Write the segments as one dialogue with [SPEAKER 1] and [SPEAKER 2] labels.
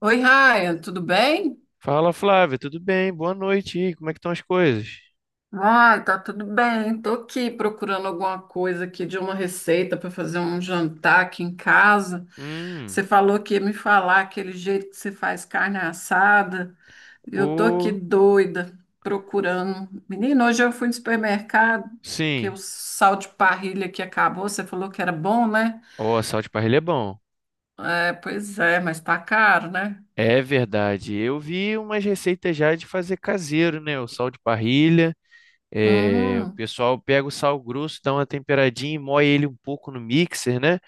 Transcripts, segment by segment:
[SPEAKER 1] Oi, Ryan, tudo bem?
[SPEAKER 2] Fala, Flávia, tudo bem? Boa noite. E aí, como é que estão as coisas?
[SPEAKER 1] Ai, tá tudo bem. Tô aqui procurando alguma coisa aqui de uma receita para fazer um jantar aqui em casa. Você
[SPEAKER 2] Hum,
[SPEAKER 1] falou que ia me falar aquele jeito que você faz carne assada. Eu tô aqui
[SPEAKER 2] o
[SPEAKER 1] doida procurando. Menino, hoje eu fui no supermercado, que o
[SPEAKER 2] sim.
[SPEAKER 1] sal de parrilha que acabou, você falou que era bom, né?
[SPEAKER 2] O sal de parrilha é bom.
[SPEAKER 1] É, pois é, mas tá caro, né?
[SPEAKER 2] É verdade. Eu vi umas receitas já de fazer caseiro, né? O sal de parrilha. O
[SPEAKER 1] Hum,
[SPEAKER 2] pessoal pega o sal grosso, dá uma temperadinha e moe ele um pouco no mixer, né?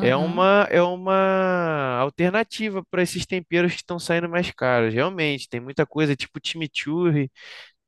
[SPEAKER 2] É uma, é uma alternativa para esses temperos que estão saindo mais caros. Realmente, tem muita coisa tipo chimichurri.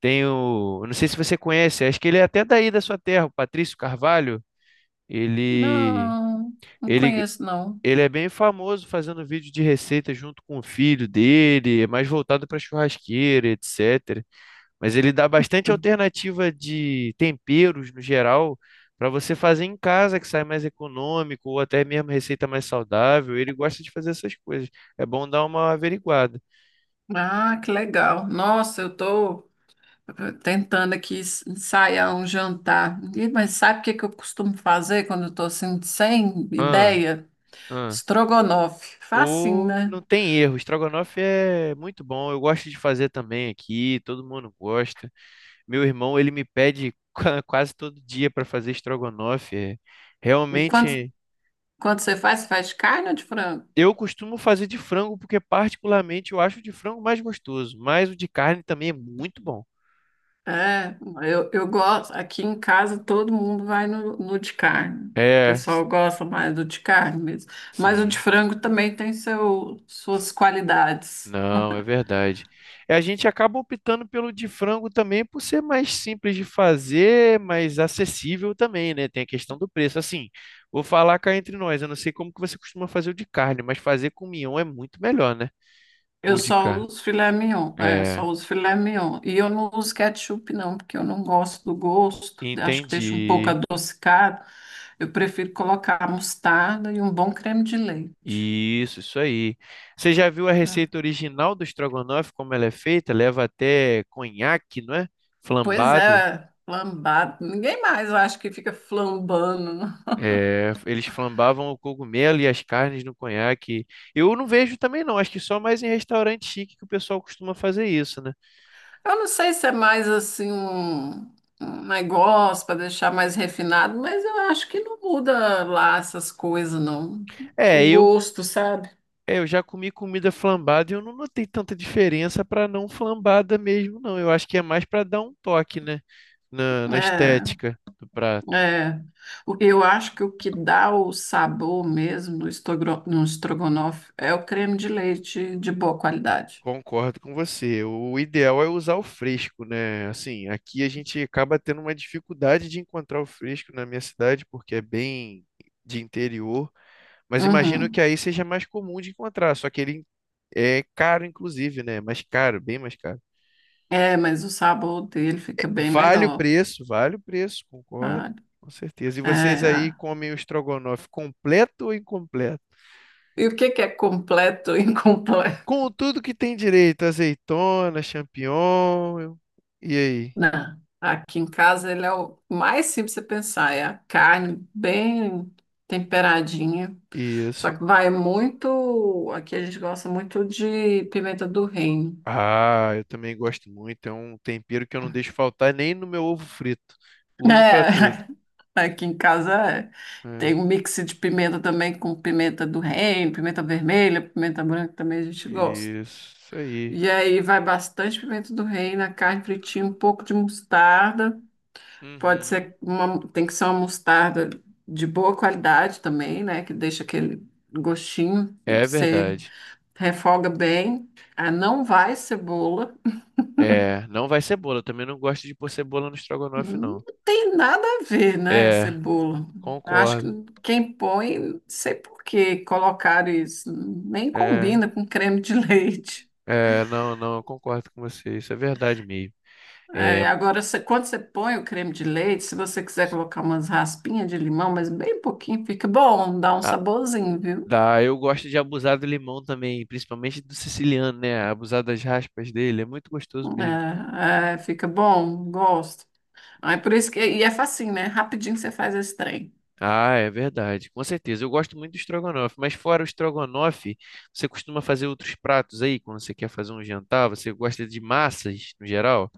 [SPEAKER 2] Eu não sei se você conhece, acho que ele é até daí da sua terra, o Patrício Carvalho. Ele,
[SPEAKER 1] Não, não
[SPEAKER 2] ele,
[SPEAKER 1] conheço, não.
[SPEAKER 2] Ele é bem famoso fazendo vídeo de receita junto com o filho dele, é mais voltado para churrasqueira, etc. Mas ele dá bastante alternativa de temperos no geral para você fazer em casa, que sai mais econômico, ou até mesmo receita mais saudável. Ele gosta de fazer essas coisas. É bom dar uma averiguada.
[SPEAKER 1] Ah, que legal. Nossa, eu tô tentando aqui ensaiar um jantar. Ih, mas sabe o que que eu costumo fazer quando eu tô assim, sem
[SPEAKER 2] Ah,
[SPEAKER 1] ideia?
[SPEAKER 2] ah.
[SPEAKER 1] Estrogonofe. Facinho,
[SPEAKER 2] O
[SPEAKER 1] né?
[SPEAKER 2] não tem erro, estrogonofe é muito bom. Eu gosto de fazer também aqui, todo mundo gosta. Meu irmão, ele me pede quase todo dia para fazer estrogonofe.
[SPEAKER 1] E quando,
[SPEAKER 2] Realmente,
[SPEAKER 1] quando você faz de carne ou de frango?
[SPEAKER 2] eu costumo fazer de frango porque particularmente eu acho o de frango mais gostoso, mas o de carne também é muito bom.
[SPEAKER 1] É, eu gosto. Aqui em casa todo mundo vai no de carne. O
[SPEAKER 2] É, s-
[SPEAKER 1] pessoal gosta mais do de carne mesmo. Mas o de
[SPEAKER 2] sim.
[SPEAKER 1] frango também tem seu, suas qualidades.
[SPEAKER 2] Não, é verdade. É, a gente acaba optando pelo de frango também por ser mais simples de fazer, mais acessível também, né? Tem a questão do preço. Assim, vou falar cá entre nós, eu não sei como que você costuma fazer o de carne, mas fazer com mignon é muito melhor, né?
[SPEAKER 1] Eu
[SPEAKER 2] O de
[SPEAKER 1] só
[SPEAKER 2] carne.
[SPEAKER 1] uso filé mignon, é, só
[SPEAKER 2] É,
[SPEAKER 1] uso filé mignon. E eu não uso ketchup, não, porque eu não gosto do gosto, acho que deixa um pouco
[SPEAKER 2] entendi.
[SPEAKER 1] adocicado. Eu prefiro colocar mostarda e um bom creme de leite.
[SPEAKER 2] Isso aí. Você já viu a
[SPEAKER 1] É.
[SPEAKER 2] receita original do estrogonofe, como ela é feita? Leva até conhaque, não é?
[SPEAKER 1] Pois
[SPEAKER 2] Flambado.
[SPEAKER 1] é, flambado. Ninguém mais, eu acho que fica flambando, né?
[SPEAKER 2] É, eles flambavam o cogumelo e as carnes no conhaque. Eu não vejo também não, acho que só mais em restaurante chique que o pessoal costuma fazer isso, né?
[SPEAKER 1] Eu não sei se é mais assim um negócio para deixar mais refinado, mas eu acho que não muda lá essas coisas, não. O
[SPEAKER 2] É, eu,
[SPEAKER 1] gosto, sabe?
[SPEAKER 2] eu já comi comida flambada e eu não notei tanta diferença para não flambada mesmo, não. Eu acho que é mais para dar um toque, né, na
[SPEAKER 1] É.
[SPEAKER 2] estética do prato.
[SPEAKER 1] É, eu acho que o que dá o sabor mesmo no, no estrogonofe é o creme de leite de boa qualidade.
[SPEAKER 2] Concordo com você. O ideal é usar o fresco, né? Assim, aqui a gente acaba tendo uma dificuldade de encontrar o fresco na minha cidade porque é bem de interior. Mas imagino
[SPEAKER 1] Uhum.
[SPEAKER 2] que aí seja mais comum de encontrar, só que ele é caro, inclusive, né? Mais caro, bem mais caro.
[SPEAKER 1] É, mas o sabor dele fica bem melhor,
[SPEAKER 2] Vale o preço, concordo,
[SPEAKER 1] sabe?
[SPEAKER 2] com certeza. E vocês aí
[SPEAKER 1] É.
[SPEAKER 2] comem o estrogonofe completo ou incompleto?
[SPEAKER 1] E o que que é completo e incompleto?
[SPEAKER 2] Com tudo que tem direito, azeitona, champignon, e aí?
[SPEAKER 1] Não. Aqui em casa ele é o mais simples de pensar, é a carne bem temperadinha. Só
[SPEAKER 2] Isso.
[SPEAKER 1] que vai muito, aqui a gente gosta muito de pimenta do reino.
[SPEAKER 2] Ah, eu também gosto muito, é um tempero que eu não deixo faltar nem no meu ovo frito. Uso para tudo.
[SPEAKER 1] É, aqui em casa é. Tem
[SPEAKER 2] É,
[SPEAKER 1] um mix de pimenta também com pimenta do reino, pimenta vermelha, pimenta branca também a gente gosta.
[SPEAKER 2] isso aí.
[SPEAKER 1] E aí vai bastante pimenta do reino, a carne fritinha, um pouco de mostarda. Pode
[SPEAKER 2] Uhum.
[SPEAKER 1] ser uma, tem que ser uma mostarda de boa qualidade também, né? Que deixa aquele gostinho,
[SPEAKER 2] É
[SPEAKER 1] você
[SPEAKER 2] verdade.
[SPEAKER 1] refoga bem. Ah, não vai cebola.
[SPEAKER 2] É, não vai cebola. Eu também não gosto de pôr cebola no estrogonofe,
[SPEAKER 1] Não
[SPEAKER 2] não.
[SPEAKER 1] tem nada a ver, né,
[SPEAKER 2] É,
[SPEAKER 1] cebola? Acho que
[SPEAKER 2] concordo.
[SPEAKER 1] quem põe, não sei por que colocaram isso, nem
[SPEAKER 2] É,
[SPEAKER 1] combina com creme de leite.
[SPEAKER 2] não, não, eu concordo com você. Isso é verdade mesmo. É,
[SPEAKER 1] É, agora, quando você põe o creme de leite, se você quiser colocar umas raspinhas de limão, mas bem pouquinho, fica bom, dá um
[SPEAKER 2] a-
[SPEAKER 1] saborzinho, viu?
[SPEAKER 2] eu gosto de abusar do limão também, principalmente do siciliano, né? Abusar das raspas dele, é muito gostoso mesmo.
[SPEAKER 1] É, é, fica bom, gosto. Ah, é por isso que, e é facinho, né? Rapidinho você faz esse trem.
[SPEAKER 2] Ah, é verdade, com certeza. Eu gosto muito do estrogonofe, mas fora o estrogonofe, você costuma fazer outros pratos aí quando você quer fazer um jantar? Você gosta de massas no geral?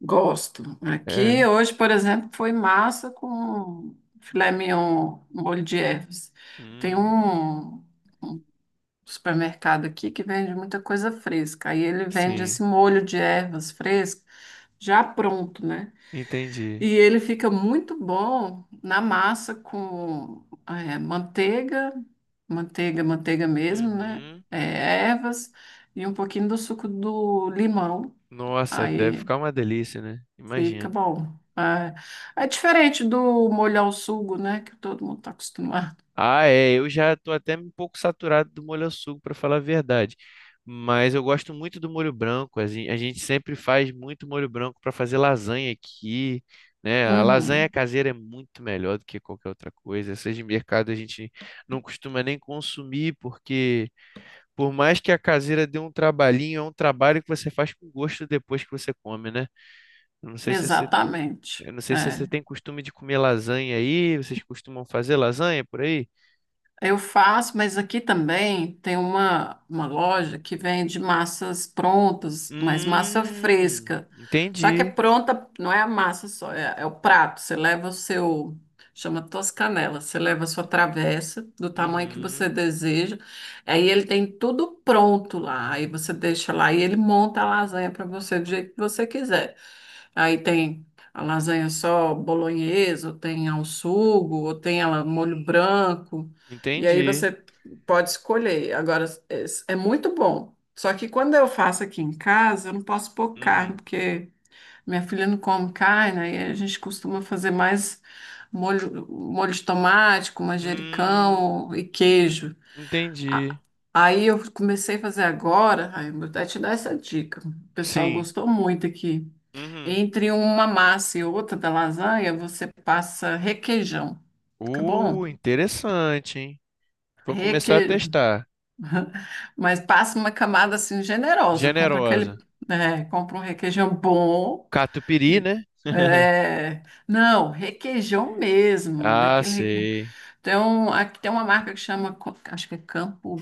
[SPEAKER 1] Gosto. Aqui
[SPEAKER 2] É.
[SPEAKER 1] hoje, por exemplo, foi massa com filé mignon, molho de ervas. Tem
[SPEAKER 2] Hum,
[SPEAKER 1] um supermercado aqui que vende muita coisa fresca. Aí ele vende
[SPEAKER 2] sim,
[SPEAKER 1] esse molho de ervas fresco já pronto, né?
[SPEAKER 2] entendi.
[SPEAKER 1] E ele fica muito bom na massa com manteiga, manteiga mesmo, né?
[SPEAKER 2] Uhum.
[SPEAKER 1] Ervas e um pouquinho do suco do limão.
[SPEAKER 2] Nossa, deve
[SPEAKER 1] Aí
[SPEAKER 2] ficar uma delícia, né?
[SPEAKER 1] fica
[SPEAKER 2] Imagino.
[SPEAKER 1] bom. É, é diferente do molhar o sugo, né? Que todo mundo está acostumado.
[SPEAKER 2] Ah, é, eu já tô até um pouco saturado do molho ao sugo, para falar a verdade. Mas eu gosto muito do molho branco. A gente sempre faz muito molho branco para fazer lasanha aqui, né? A lasanha
[SPEAKER 1] Uhum,
[SPEAKER 2] caseira é muito melhor do que qualquer outra coisa. Essas de mercado a gente não costuma nem consumir, porque por mais que a caseira dê um trabalhinho, é um trabalho que você faz com gosto depois que você come, né? Eu Não sei se
[SPEAKER 1] exatamente.
[SPEAKER 2] Eu não sei se você
[SPEAKER 1] É.
[SPEAKER 2] tem costume de comer lasanha aí. Vocês costumam fazer lasanha por aí?
[SPEAKER 1] Eu faço, mas aqui também tem uma loja que vende massas prontas, mas massa
[SPEAKER 2] Hum,
[SPEAKER 1] fresca. Só que é
[SPEAKER 2] entendi.
[SPEAKER 1] pronta, não é a massa só, é, é o prato. Você leva o seu, chama Toscanela, você leva a sua travessa do tamanho que você
[SPEAKER 2] Uhum,
[SPEAKER 1] deseja. Aí ele tem tudo pronto lá. Aí você deixa lá e ele monta a lasanha para você do jeito que você quiser. Aí tem a lasanha só bolonhesa, ou tem ao sugo, ou tem ela molho branco. E aí
[SPEAKER 2] entendi.
[SPEAKER 1] você pode escolher. Agora, é, é muito bom. Só que quando eu faço aqui em casa, eu não posso pôr carne,
[SPEAKER 2] Uhum.
[SPEAKER 1] porque minha filha não come carne, aí a gente costuma fazer mais molho, molho de tomate, com
[SPEAKER 2] Hum,
[SPEAKER 1] manjericão e queijo. A-
[SPEAKER 2] entendi.
[SPEAKER 1] Aí eu comecei a fazer agora, aí eu vou até te dar essa dica. O pessoal
[SPEAKER 2] Sim.
[SPEAKER 1] gostou muito aqui.
[SPEAKER 2] Uhum.
[SPEAKER 1] Entre uma massa e outra da lasanha, você passa requeijão. Fica bom?
[SPEAKER 2] Interessante, hein? Vou começar a
[SPEAKER 1] Requeijão.
[SPEAKER 2] testar.
[SPEAKER 1] Mas passa uma camada assim generosa. Compra aquele,
[SPEAKER 2] Generosa.
[SPEAKER 1] né, compra um requeijão bom.
[SPEAKER 2] Catupiry, né?
[SPEAKER 1] É, não, requeijão mesmo,
[SPEAKER 2] Ah,
[SPEAKER 1] daquele.
[SPEAKER 2] sei.
[SPEAKER 1] Então, aqui tem uma marca que chama, acho que é Campo,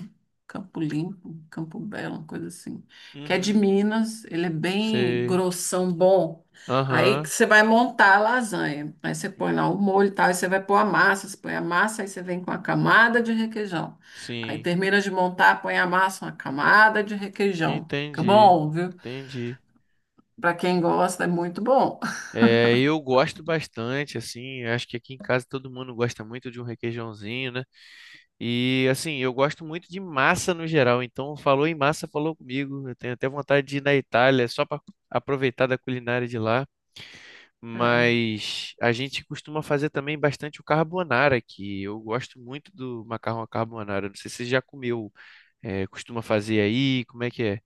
[SPEAKER 1] Campo Limpo, Campo Belo, uma coisa assim, que é de
[SPEAKER 2] Uhum,
[SPEAKER 1] Minas, ele é bem
[SPEAKER 2] sei.
[SPEAKER 1] grossão, bom. Aí que
[SPEAKER 2] Aham,
[SPEAKER 1] você vai montar a lasanha, aí você põe lá o molho e tal, aí você vai pôr a massa, você põe a massa, aí você vem com a camada de requeijão. Aí
[SPEAKER 2] sim.
[SPEAKER 1] termina de montar, põe a massa, uma camada de requeijão. Fica
[SPEAKER 2] Entendi.
[SPEAKER 1] bom, viu?
[SPEAKER 2] Entendi.
[SPEAKER 1] Para quem gosta, é muito bom.
[SPEAKER 2] É, eu gosto bastante, assim, acho que aqui em casa todo mundo gosta muito de um requeijãozinho, né? E assim, eu gosto muito de massa no geral, então falou em massa, falou comigo. Eu tenho até vontade de ir na Itália só para aproveitar da culinária de lá, mas a gente costuma fazer também bastante o carbonara aqui. Eu gosto muito do macarrão à carbonara. Não sei se você já comeu, é, costuma fazer aí, como é que é?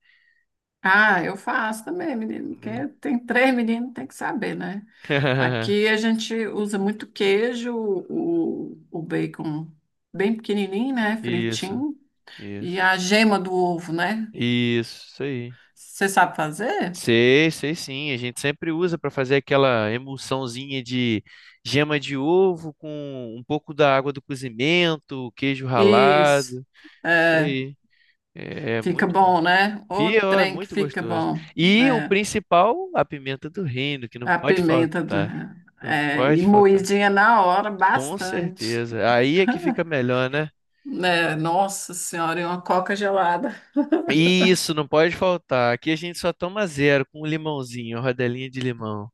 [SPEAKER 1] Ah, eu faço também, menino,
[SPEAKER 2] Né?
[SPEAKER 1] porque tem três meninos, tem que saber, né? Aqui a gente usa muito queijo, o bacon bem pequenininho, né?
[SPEAKER 2] Isso,
[SPEAKER 1] Fritinho. E
[SPEAKER 2] isso.
[SPEAKER 1] a gema do ovo, né?
[SPEAKER 2] Isso aí.
[SPEAKER 1] Você sabe fazer?
[SPEAKER 2] Sei, sei sim. A gente sempre usa para fazer aquela emulsãozinha de gema de ovo com um pouco da água do cozimento, queijo
[SPEAKER 1] Isso.
[SPEAKER 2] ralado. Isso
[SPEAKER 1] É,
[SPEAKER 2] aí. É, é
[SPEAKER 1] fica
[SPEAKER 2] muito bom.
[SPEAKER 1] bom, né? O
[SPEAKER 2] Fia, é
[SPEAKER 1] trem que
[SPEAKER 2] muito
[SPEAKER 1] fica
[SPEAKER 2] gostoso.
[SPEAKER 1] bom.
[SPEAKER 2] E o
[SPEAKER 1] É,
[SPEAKER 2] principal, a pimenta do reino, que não
[SPEAKER 1] a
[SPEAKER 2] pode
[SPEAKER 1] pimenta do...
[SPEAKER 2] faltar. Não
[SPEAKER 1] É, e
[SPEAKER 2] pode faltar.
[SPEAKER 1] moidinha na hora,
[SPEAKER 2] Com
[SPEAKER 1] bastante.
[SPEAKER 2] certeza. Aí é que fica melhor, né?
[SPEAKER 1] Né? Nossa senhora, e uma coca gelada.
[SPEAKER 2] Isso, não pode faltar. Aqui a gente só toma zero com um limãozinho, rodelinha de limão.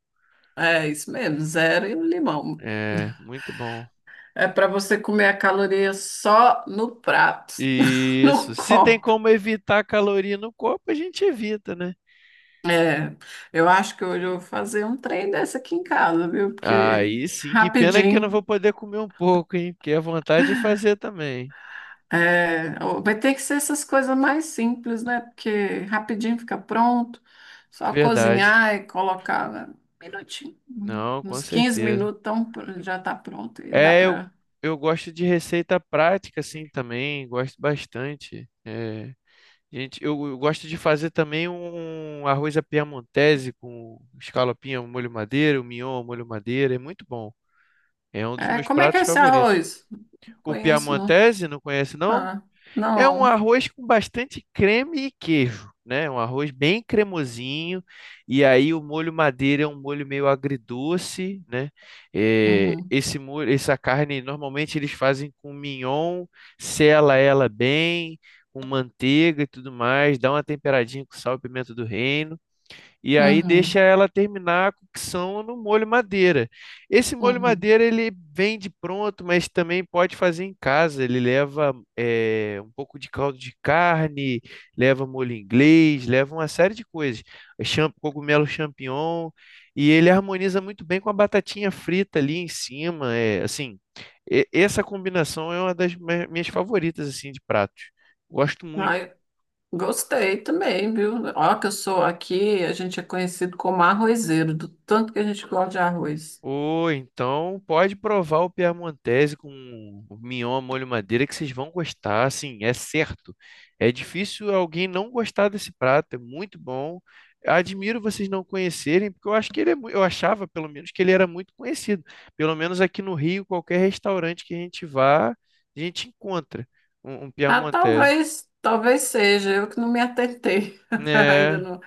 [SPEAKER 1] É isso mesmo, zero e um limão.
[SPEAKER 2] É, muito bom.
[SPEAKER 1] É para você comer a caloria só no prato,
[SPEAKER 2] Isso.
[SPEAKER 1] no
[SPEAKER 2] Se tem
[SPEAKER 1] copo.
[SPEAKER 2] como evitar caloria no corpo, a gente evita, né?
[SPEAKER 1] É, eu acho que hoje eu vou fazer um trem dessa aqui em casa, viu? Porque
[SPEAKER 2] Aí sim, que pena é que eu não
[SPEAKER 1] rapidinho.
[SPEAKER 2] vou poder comer um pouco, hein? Porque é vontade de fazer também.
[SPEAKER 1] É, vai ter que ser essas coisas mais simples, né? Porque rapidinho fica pronto, só
[SPEAKER 2] Verdade.
[SPEAKER 1] cozinhar e colocar né, um minutinho,
[SPEAKER 2] Não, com
[SPEAKER 1] uns 15
[SPEAKER 2] certeza.
[SPEAKER 1] minutos, então já está pronto e dá
[SPEAKER 2] É, eu,
[SPEAKER 1] para.
[SPEAKER 2] eu gosto de receita prática, assim, também. Gosto bastante. É, gente, eu gosto de fazer também um arroz à piamontese com escalopinha, ao molho madeira, o mignon, ao molho madeira. É muito bom. É um dos
[SPEAKER 1] É,
[SPEAKER 2] meus
[SPEAKER 1] como é que é
[SPEAKER 2] pratos
[SPEAKER 1] esse
[SPEAKER 2] favoritos.
[SPEAKER 1] arroz? Não
[SPEAKER 2] O
[SPEAKER 1] conheço, não.
[SPEAKER 2] piamontese, não conhece, não?
[SPEAKER 1] Ah,
[SPEAKER 2] É um
[SPEAKER 1] não.
[SPEAKER 2] arroz com bastante creme e queijo, né? Um arroz bem cremosinho. E aí o molho madeira é um molho meio agridoce, né? É,
[SPEAKER 1] Uhum,
[SPEAKER 2] esse molho, essa carne normalmente eles fazem com mignon, sela ela bem, com manteiga e tudo mais, dá uma temperadinha com sal e pimenta do reino. E aí deixa
[SPEAKER 1] uhum,
[SPEAKER 2] ela terminar a cocção no molho madeira. Esse molho
[SPEAKER 1] uhum.
[SPEAKER 2] madeira ele vende pronto, mas também pode fazer em casa. Ele leva um pouco de caldo de carne, leva molho inglês, leva uma série de coisas. Cogumelo champignon. E ele harmoniza muito bem com a batatinha frita ali em cima. É, assim, essa combinação é uma das minhas favoritas assim de pratos. Gosto muito.
[SPEAKER 1] Ai, gostei também, viu? Ó, que eu sou aqui, a gente é conhecido como arrozeiro, do tanto que a gente gosta de arroz.
[SPEAKER 2] Ou então pode provar o Piemontese com o mignon à molho madeira que vocês vão gostar, assim, é certo. É difícil alguém não gostar desse prato, é muito bom. Admiro vocês não conhecerem, porque eu acho que ele é, eu achava pelo menos que ele era muito conhecido. Pelo menos aqui no Rio, qualquer restaurante que a gente vá, a gente encontra um
[SPEAKER 1] Ah,
[SPEAKER 2] Piemontese.
[SPEAKER 1] talvez, talvez seja, eu que não me atentei. Ainda
[SPEAKER 2] É,
[SPEAKER 1] não,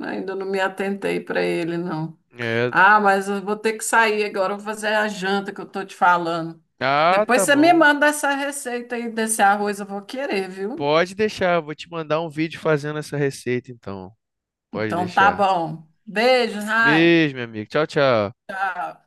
[SPEAKER 1] ainda não me atentei para ele, não.
[SPEAKER 2] é.
[SPEAKER 1] Ah, mas eu vou ter que sair agora, eu vou fazer a janta que eu tô te falando.
[SPEAKER 2] Ah,
[SPEAKER 1] Depois
[SPEAKER 2] tá
[SPEAKER 1] você me
[SPEAKER 2] bom.
[SPEAKER 1] manda essa receita aí desse arroz, eu vou querer, viu?
[SPEAKER 2] Pode deixar, vou te mandar um vídeo fazendo essa receita então. Pode
[SPEAKER 1] Então tá
[SPEAKER 2] deixar.
[SPEAKER 1] bom. Beijo, Raio.
[SPEAKER 2] Beijo, meu amigo. Tchau, tchau.
[SPEAKER 1] Tchau.